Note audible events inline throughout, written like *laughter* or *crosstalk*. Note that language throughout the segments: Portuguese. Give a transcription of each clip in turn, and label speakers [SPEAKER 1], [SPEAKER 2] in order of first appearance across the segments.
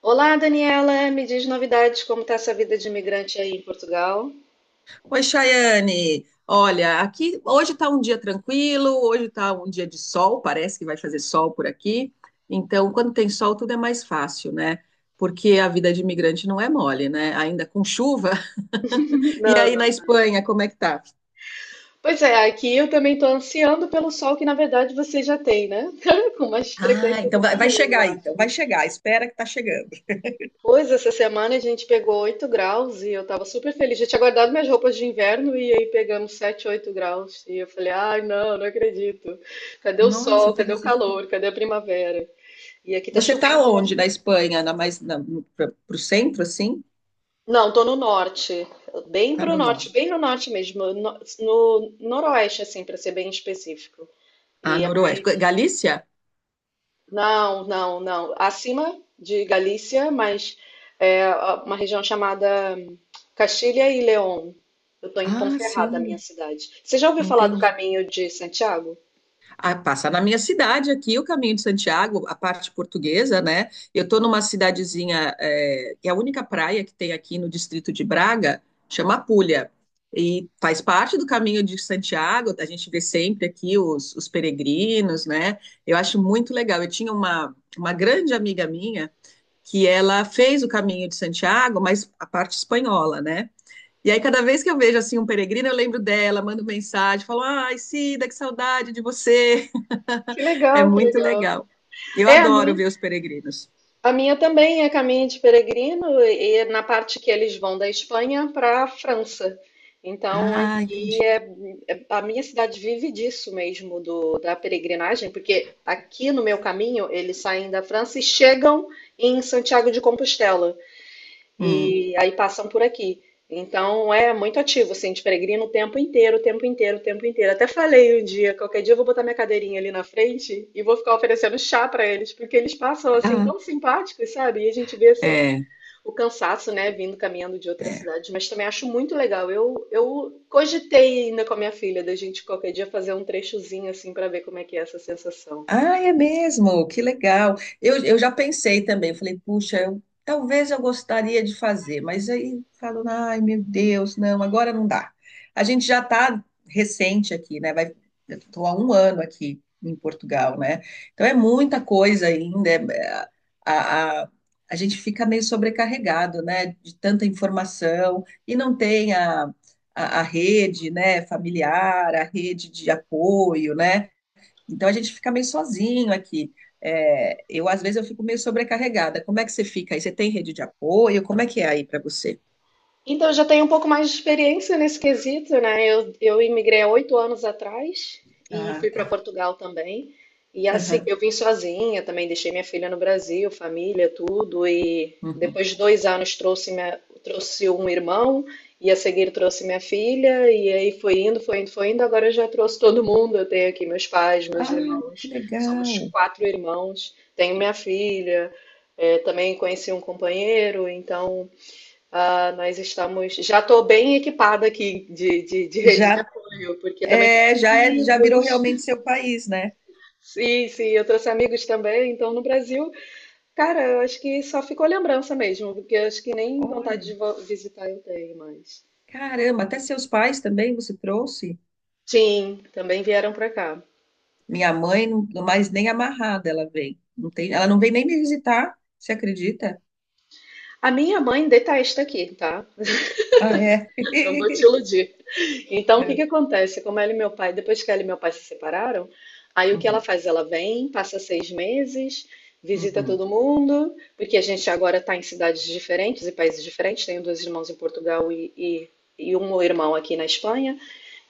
[SPEAKER 1] Olá, Daniela, me diz novidades, como está essa vida de imigrante aí em Portugal?
[SPEAKER 2] Oi, Chayane. Olha, aqui hoje está um dia tranquilo, hoje está um dia de sol, parece que vai fazer sol por aqui. Então, quando tem sol, tudo é mais fácil, né? Porque a vida de imigrante não é mole, né? Ainda com chuva. *laughs* E
[SPEAKER 1] Não,
[SPEAKER 2] aí
[SPEAKER 1] não.
[SPEAKER 2] na Espanha, como é que tá?
[SPEAKER 1] Pois é, aqui eu também estou ansiando pelo sol que na verdade você já tem, né? *laughs* Com mais
[SPEAKER 2] Ah,
[SPEAKER 1] frequência
[SPEAKER 2] então
[SPEAKER 1] do
[SPEAKER 2] vai,
[SPEAKER 1] que
[SPEAKER 2] vai
[SPEAKER 1] eu
[SPEAKER 2] chegar aí, então vai
[SPEAKER 1] acho.
[SPEAKER 2] chegar, espera que tá chegando.
[SPEAKER 1] Pois, essa semana a gente pegou 8 graus e eu estava super feliz. Já tinha guardado minhas roupas de inverno e aí pegamos 7, 8 graus. E eu falei, ai, não, não acredito. Cadê o
[SPEAKER 2] Nossa,
[SPEAKER 1] sol? Cadê
[SPEAKER 2] teve
[SPEAKER 1] o
[SPEAKER 2] esse...
[SPEAKER 1] calor? Cadê a primavera? E aqui tá
[SPEAKER 2] Você tá
[SPEAKER 1] chovendo.
[SPEAKER 2] onde na Espanha? Na mais na, no, pra, pro centro assim?
[SPEAKER 1] Não, tô no norte, bem
[SPEAKER 2] Tá
[SPEAKER 1] pro
[SPEAKER 2] no
[SPEAKER 1] norte,
[SPEAKER 2] norte.
[SPEAKER 1] bem no norte mesmo, no noroeste, assim, para ser bem específico.
[SPEAKER 2] Ah,
[SPEAKER 1] E é mais.
[SPEAKER 2] noroeste. Galícia?
[SPEAKER 1] Não, não, não. Acima de Galícia, mas é uma região chamada Castilha e León. Eu tô em
[SPEAKER 2] Ah,
[SPEAKER 1] Ponferrada, minha
[SPEAKER 2] sim,
[SPEAKER 1] cidade. Você já ouviu falar do
[SPEAKER 2] entendi.
[SPEAKER 1] Caminho de Santiago?
[SPEAKER 2] Ah, passa na minha cidade aqui, o Caminho de Santiago, a parte portuguesa, né? Eu estou numa cidadezinha, é, que é a única praia que tem aqui no distrito de Braga, chama Apulha, e faz parte do Caminho de Santiago, a gente vê sempre aqui os peregrinos, né? Eu acho muito legal. Eu tinha uma grande amiga minha que ela fez o Caminho de Santiago, mas a parte espanhola, né? E aí, cada vez que eu vejo assim um peregrino, eu lembro dela, mando mensagem, falo, ai, Cida, que saudade de você.
[SPEAKER 1] Que
[SPEAKER 2] *laughs*
[SPEAKER 1] legal,
[SPEAKER 2] É
[SPEAKER 1] que
[SPEAKER 2] muito
[SPEAKER 1] legal.
[SPEAKER 2] legal. Eu
[SPEAKER 1] É a
[SPEAKER 2] adoro
[SPEAKER 1] minha.
[SPEAKER 2] ver os peregrinos.
[SPEAKER 1] A minha também é caminho de peregrino e na parte que eles vão da Espanha para a França. Então
[SPEAKER 2] Ah,
[SPEAKER 1] aqui
[SPEAKER 2] entendi.
[SPEAKER 1] a minha cidade vive disso mesmo da peregrinagem, porque aqui no meu caminho eles saem da França e chegam em Santiago de Compostela
[SPEAKER 2] Hum.
[SPEAKER 1] e aí passam por aqui. Então é muito ativo, assim, de peregrino o tempo inteiro, o tempo inteiro, o tempo inteiro. Até falei um dia, qualquer dia eu vou botar minha cadeirinha ali na frente e vou ficar oferecendo chá para eles, porque eles passam assim
[SPEAKER 2] Ah,
[SPEAKER 1] tão simpáticos, sabe? E a gente vê assim
[SPEAKER 2] é.
[SPEAKER 1] o cansaço, né, vindo caminhando de outras cidades. Mas também acho muito legal. Eu cogitei ainda com a minha filha da gente qualquer dia fazer um trechozinho assim para ver como é que é essa sensação.
[SPEAKER 2] Ah, é mesmo, que legal. Eu já pensei também, eu falei, puxa, eu, talvez eu gostaria de fazer, mas aí falo, ai meu Deus, não, agora não dá. A gente já está recente aqui, né? Vai, eu estou há 1 ano aqui em Portugal, né? Então é muita coisa ainda. A, a, a gente fica meio sobrecarregado, né? De tanta informação e não tem a rede, né? Familiar, a rede de apoio, né? Então a gente fica meio sozinho aqui. É, eu às vezes eu fico meio sobrecarregada. Como é que você fica aí? Você tem rede de apoio? Como é que é aí para você?
[SPEAKER 1] Então, eu já tenho um pouco mais de experiência nesse quesito, né? eu imigrei há 8 anos atrás e
[SPEAKER 2] Ah,
[SPEAKER 1] fui para
[SPEAKER 2] tá.
[SPEAKER 1] Portugal também. E assim,
[SPEAKER 2] Aham,
[SPEAKER 1] eu vim sozinha também, deixei minha filha no Brasil, família, tudo. E
[SPEAKER 2] uhum.
[SPEAKER 1] depois de 2 anos trouxe, trouxe um irmão e a seguir trouxe minha filha. E aí foi indo, foi indo, foi indo. Agora eu já trouxe todo mundo. Eu tenho aqui meus pais, meus
[SPEAKER 2] Ah, que
[SPEAKER 1] irmãos. Somos
[SPEAKER 2] legal.
[SPEAKER 1] quatro irmãos. Tenho minha filha. É, também conheci um companheiro, então ah, nós estamos. Já estou bem equipada aqui de rede de
[SPEAKER 2] Já
[SPEAKER 1] apoio, porque também trouxe
[SPEAKER 2] é, já é, já virou
[SPEAKER 1] amigos.
[SPEAKER 2] realmente seu país, né?
[SPEAKER 1] Sim, sim, eu trouxe amigos também. Então, no Brasil, cara, eu acho que só ficou lembrança mesmo, porque eu acho que nem
[SPEAKER 2] Olha,
[SPEAKER 1] vontade de visitar eu tenho, mas.
[SPEAKER 2] caramba, até seus pais também você trouxe?
[SPEAKER 1] Sim, também vieram para cá.
[SPEAKER 2] Minha mãe, não, mas nem amarrada ela vem. Não tem, ela não vem nem me visitar, você acredita?
[SPEAKER 1] A minha mãe detesta aqui, tá?
[SPEAKER 2] Ah, é.
[SPEAKER 1] *laughs* Não vou te
[SPEAKER 2] *laughs*
[SPEAKER 1] iludir. Então, o que
[SPEAKER 2] É.
[SPEAKER 1] que acontece? Como ela e meu pai, depois que ela e meu pai se separaram, aí o que ela
[SPEAKER 2] Uhum,
[SPEAKER 1] faz? Ela vem, passa 6 meses, visita
[SPEAKER 2] uhum,
[SPEAKER 1] todo mundo, porque a gente agora está em cidades diferentes e países diferentes. Tenho dois irmãos em Portugal e um irmão aqui na Espanha.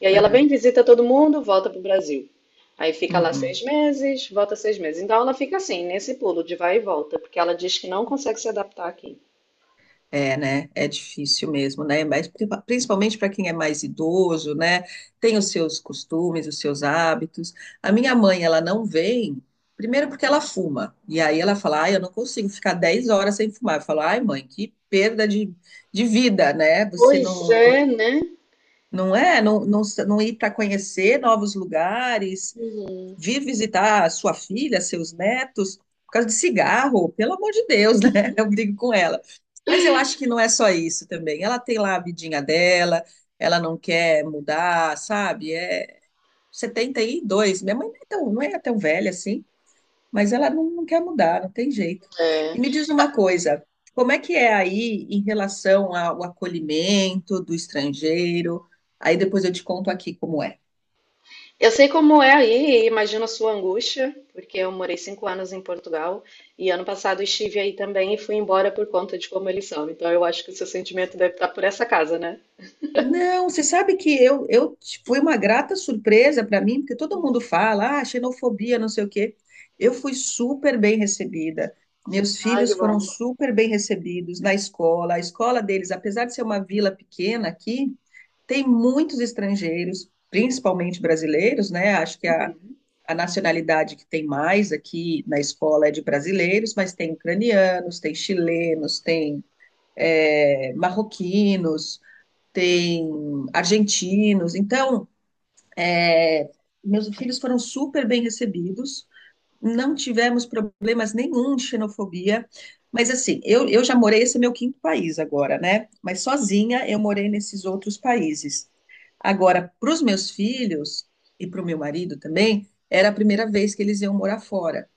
[SPEAKER 1] E aí ela vem,
[SPEAKER 2] aham,
[SPEAKER 1] visita todo mundo, volta para o Brasil. Aí fica lá seis
[SPEAKER 2] uhum.
[SPEAKER 1] meses, volta 6 meses. Então ela fica assim, nesse pulo de vai e volta, porque ela diz que não consegue se adaptar aqui.
[SPEAKER 2] É, né? É difícil mesmo, né? Mas principalmente para quem é mais idoso, né? Tem os seus costumes, os seus hábitos. A minha mãe, ela não vem, primeiro porque ela fuma. E aí ela fala, ai, eu não consigo ficar 10 horas sem fumar. Eu falo, ai, mãe, que perda de vida, né? Você
[SPEAKER 1] Pois
[SPEAKER 2] não, não,
[SPEAKER 1] é, né?
[SPEAKER 2] não é, não, não, não ir para conhecer novos lugares,
[SPEAKER 1] Uhum.
[SPEAKER 2] vir visitar sua filha, seus netos, por causa de cigarro, pelo amor de Deus, né? *laughs* Eu brigo com ela. Mas eu acho que não é só isso também. Ela tem lá a vidinha dela, ela não quer mudar, sabe? É 72. Minha mãe não é tão, não é tão velha assim, mas ela não, não quer mudar, não tem jeito.
[SPEAKER 1] É.
[SPEAKER 2] E me diz uma coisa, como é que é aí em relação ao acolhimento do estrangeiro? Aí depois eu te conto aqui como é.
[SPEAKER 1] Eu sei como é aí, e imagino a sua angústia, porque eu morei 5 anos em Portugal e ano passado estive aí também e fui embora por conta de como eles são. Então eu acho que o seu sentimento deve estar por essa casa, né?
[SPEAKER 2] Não, você sabe que eu foi uma grata surpresa para mim, porque todo mundo fala, ah, xenofobia, não sei o quê. Eu fui super bem recebida. Meus
[SPEAKER 1] Ai, que
[SPEAKER 2] filhos
[SPEAKER 1] bom.
[SPEAKER 2] foram super bem recebidos na escola. A escola deles, apesar de ser uma vila pequena aqui, tem muitos estrangeiros, principalmente brasileiros, né? Acho que
[SPEAKER 1] Uhum.
[SPEAKER 2] a nacionalidade que tem mais aqui na escola é de brasileiros, mas tem ucranianos, tem chilenos, tem marroquinos, tem argentinos. Então, é, meus filhos foram super bem recebidos, não tivemos problemas nenhum de xenofobia. Mas assim, eu já morei, esse é meu quinto país agora, né? Mas sozinha eu morei nesses outros países. Agora, para os meus filhos e para o meu marido também, era a primeira vez que eles iam morar fora.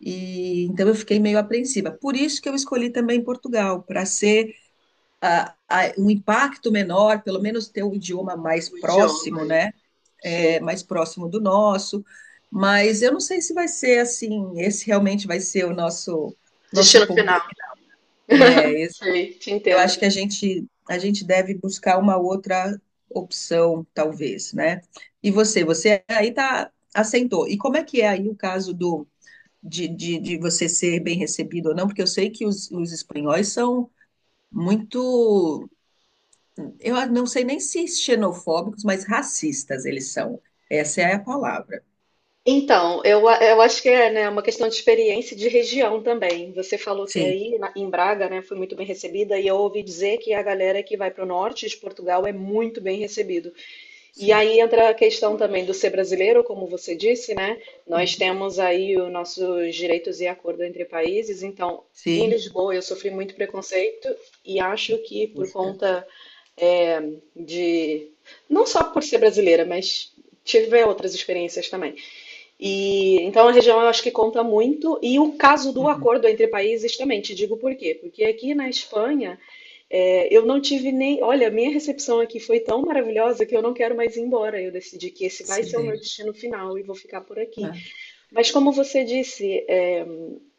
[SPEAKER 2] E então eu fiquei meio apreensiva. Por isso que eu escolhi também Portugal, para ser um impacto menor, pelo menos ter um idioma mais
[SPEAKER 1] O idioma
[SPEAKER 2] próximo,
[SPEAKER 1] hein?
[SPEAKER 2] né?
[SPEAKER 1] Que
[SPEAKER 2] É, mais próximo do nosso. Mas eu não sei se vai ser assim, esse realmente vai ser o nosso
[SPEAKER 1] destino
[SPEAKER 2] ponto.
[SPEAKER 1] final.
[SPEAKER 2] É,
[SPEAKER 1] *laughs* Sei, te
[SPEAKER 2] eu
[SPEAKER 1] entendo.
[SPEAKER 2] acho que a gente deve buscar uma outra opção, talvez, né? E você, você aí tá, assentou. E como é que é aí o caso de você ser bem recebido ou não? Porque eu sei que os espanhóis são muito, eu não sei nem se xenofóbicos, mas racistas eles são. Essa é a palavra.
[SPEAKER 1] Então, eu acho que é, né, uma questão de experiência e de região também. Você falou que
[SPEAKER 2] Sim,
[SPEAKER 1] aí em Braga, né, foi muito bem recebida, e eu ouvi dizer que a galera que vai para o norte de Portugal é muito bem recebida. E
[SPEAKER 2] sim.
[SPEAKER 1] aí entra a questão também do ser brasileiro, como você disse, né? Nós
[SPEAKER 2] Uhum.
[SPEAKER 1] temos aí os nossos direitos e acordo entre países, então em
[SPEAKER 2] Sim.
[SPEAKER 1] Lisboa eu sofri muito preconceito e acho que por
[SPEAKER 2] Puxa.
[SPEAKER 1] conta é, de não só por ser brasileira, mas tive outras experiências também. E então a região eu acho que conta muito e o caso do
[SPEAKER 2] Uhum.
[SPEAKER 1] acordo entre países também. Te digo por quê? Porque aqui na Espanha eu não tive nem. Olha, a minha recepção aqui foi tão maravilhosa que eu não quero mais ir embora. Eu decidi que esse vai
[SPEAKER 2] Se.
[SPEAKER 1] ser o meu destino final e vou ficar por aqui.
[SPEAKER 2] Ah,
[SPEAKER 1] Mas como você disse, é,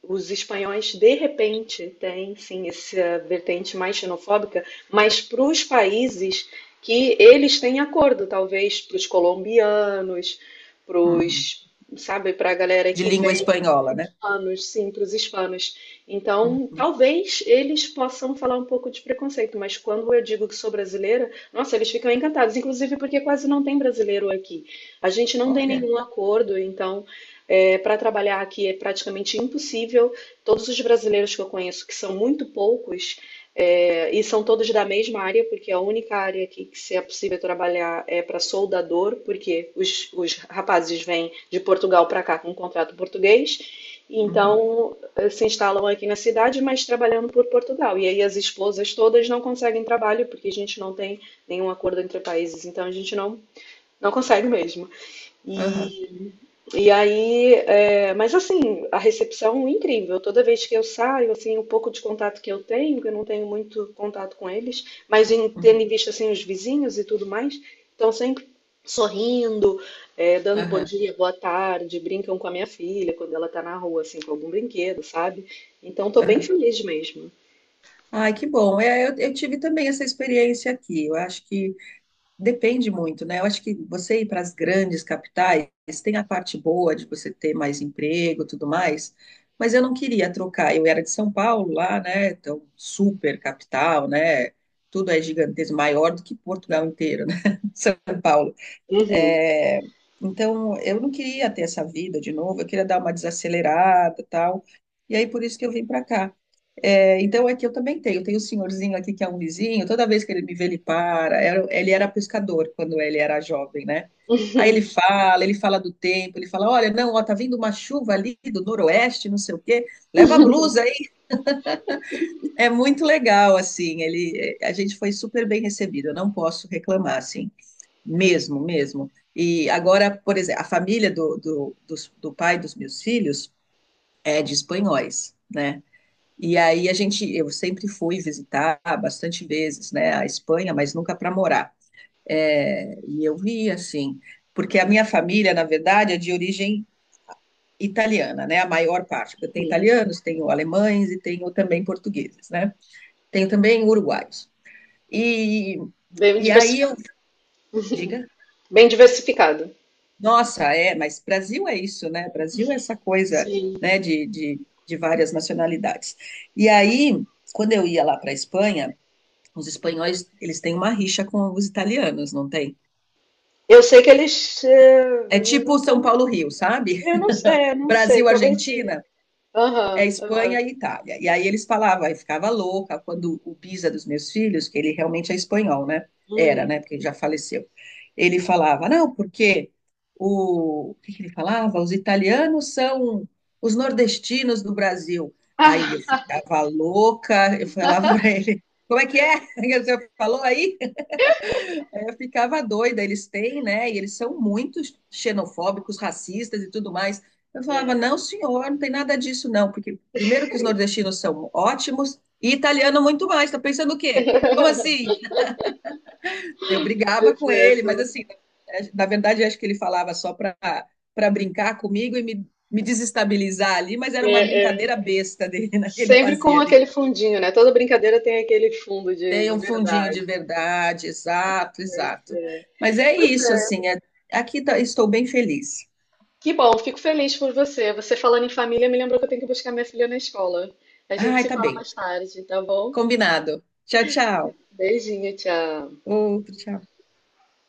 [SPEAKER 1] os espanhóis de repente têm sim essa vertente mais xenofóbica, mas para os países que eles têm acordo, talvez para os colombianos, para
[SPEAKER 2] uhum.
[SPEAKER 1] os, sabe, para a galera
[SPEAKER 2] De
[SPEAKER 1] que
[SPEAKER 2] língua
[SPEAKER 1] vem,
[SPEAKER 2] espanhola, né?
[SPEAKER 1] hispanos, sim, para os hispanos. Então,
[SPEAKER 2] Uhum.
[SPEAKER 1] talvez eles possam falar um pouco de preconceito, mas quando eu digo que sou brasileira, nossa, eles ficam encantados, inclusive porque quase não tem brasileiro aqui. A gente não tem
[SPEAKER 2] Olha.
[SPEAKER 1] nenhum acordo, então é, para trabalhar aqui é praticamente impossível. Todos os brasileiros que eu conheço, que são muito poucos, é, e são todos da mesma área, porque a única área aqui que se é possível trabalhar é para soldador, porque os rapazes vêm de Portugal para cá com um contrato português,
[SPEAKER 2] Uhum.
[SPEAKER 1] então eh, se instalam aqui na cidade, mas trabalhando por Portugal. E aí as esposas todas não conseguem trabalho, porque a gente não tem nenhum acordo entre países, então a gente não, não consegue mesmo.
[SPEAKER 2] Aham,
[SPEAKER 1] E, e aí, é, mas assim, a recepção é incrível. Toda vez que eu saio, assim, o pouco de contato que eu tenho, que eu não tenho muito contato com eles, mas em, tendo
[SPEAKER 2] uhum.
[SPEAKER 1] em vista assim os vizinhos e tudo mais, estão sempre sorrindo, é, dando bom
[SPEAKER 2] Aham,
[SPEAKER 1] dia, boa tarde, brincam com a minha filha quando ela tá na rua, assim, com algum brinquedo, sabe? Então, tô bem
[SPEAKER 2] aham.
[SPEAKER 1] feliz mesmo.
[SPEAKER 2] Ai, que bom. É, eu tive também essa experiência aqui. Eu acho que depende muito, né? Eu acho que você ir para as grandes capitais tem a parte boa de você ter mais emprego, e tudo mais, mas eu não queria trocar. Eu era de São Paulo lá, né? Então, super capital, né? Tudo é gigantesco, maior do que Portugal inteiro, né? *laughs* São Paulo.
[SPEAKER 1] Uhum.
[SPEAKER 2] É, então, eu não queria ter essa vida de novo, eu queria dar uma desacelerada tal. E aí, por isso que eu vim para cá. É, então, aqui eu também tenho. Eu tenho um senhorzinho aqui que é um vizinho, toda vez que ele me vê, ele para. Ele era pescador quando ele era jovem, né? Aí ele fala do tempo, ele fala: olha, não, ó, tá vindo uma chuva ali do noroeste, não sei o quê, leva a blusa aí. É muito legal, assim. Ele, a gente foi super bem recebido, eu não posso reclamar, assim. Mesmo, mesmo. E agora, por exemplo, a família do pai dos meus filhos é de espanhóis, né? E aí a gente, eu sempre fui visitar bastante vezes, né, a Espanha, mas nunca para morar. É, e eu vi assim, porque a minha família, na verdade, é de origem italiana, né? A maior parte. Eu tenho italianos, tenho alemães e tenho também portugueses, né? Tenho também uruguaios. E,
[SPEAKER 1] Bem
[SPEAKER 2] e aí eu,
[SPEAKER 1] diversificado.
[SPEAKER 2] diga.
[SPEAKER 1] Bem diversificado.
[SPEAKER 2] Nossa, é, mas Brasil é isso, né? Brasil é essa coisa,
[SPEAKER 1] Sim.
[SPEAKER 2] né, de várias nacionalidades. E aí, quando eu ia lá para a Espanha, os espanhóis, eles têm uma rixa com os italianos, não tem?
[SPEAKER 1] Eu sei que eles eh,
[SPEAKER 2] É
[SPEAKER 1] não
[SPEAKER 2] tipo
[SPEAKER 1] são
[SPEAKER 2] São
[SPEAKER 1] muito.
[SPEAKER 2] Paulo-Rio, sabe?
[SPEAKER 1] Eu não,
[SPEAKER 2] *laughs*
[SPEAKER 1] é, não sei, talvez sim.
[SPEAKER 2] Brasil-Argentina, é
[SPEAKER 1] Aham, aham.
[SPEAKER 2] Espanha e Itália. E aí eles falavam, eu ficava louca quando o Pisa dos meus filhos, que ele realmente é espanhol, né? Era,
[SPEAKER 1] Hum.
[SPEAKER 2] né? Porque ele já faleceu. Ele falava, não, porque o que que ele falava? Os italianos são os nordestinos do Brasil. Aí eu
[SPEAKER 1] Ah,
[SPEAKER 2] ficava louca, eu falava *laughs* para ele, como é que é *laughs* que você falou aí? É, eu ficava doida, eles têm, né? E eles são muito xenofóbicos, racistas e tudo mais. Eu falava, não, senhor, não tem nada disso, não, porque primeiro que os nordestinos são ótimos e italiano muito mais. Tá pensando o quê? Como assim? Eu brigava
[SPEAKER 1] pois
[SPEAKER 2] com
[SPEAKER 1] é,
[SPEAKER 2] ele, mas
[SPEAKER 1] são-
[SPEAKER 2] assim, na verdade, eu acho que ele falava só para, para brincar comigo e me desestabilizar ali, mas era uma
[SPEAKER 1] é, é
[SPEAKER 2] brincadeira besta dele, né? que Ele
[SPEAKER 1] sempre com
[SPEAKER 2] fazia ali.
[SPEAKER 1] aquele fundinho, né? Toda brincadeira tem aquele fundo
[SPEAKER 2] Tem
[SPEAKER 1] de
[SPEAKER 2] um fundinho
[SPEAKER 1] verdade.
[SPEAKER 2] de verdade, exato,
[SPEAKER 1] Mas
[SPEAKER 2] exato. Mas é isso,
[SPEAKER 1] é.
[SPEAKER 2] assim, estou bem feliz.
[SPEAKER 1] Que bom, fico feliz por você. Você falando em família me lembrou que eu tenho que buscar minha filha na escola. A gente
[SPEAKER 2] Ai,
[SPEAKER 1] se
[SPEAKER 2] tá
[SPEAKER 1] fala
[SPEAKER 2] bem.
[SPEAKER 1] mais tarde, tá bom?
[SPEAKER 2] Combinado. Tchau, tchau.
[SPEAKER 1] Beijinho, tchau.
[SPEAKER 2] Outro tchau.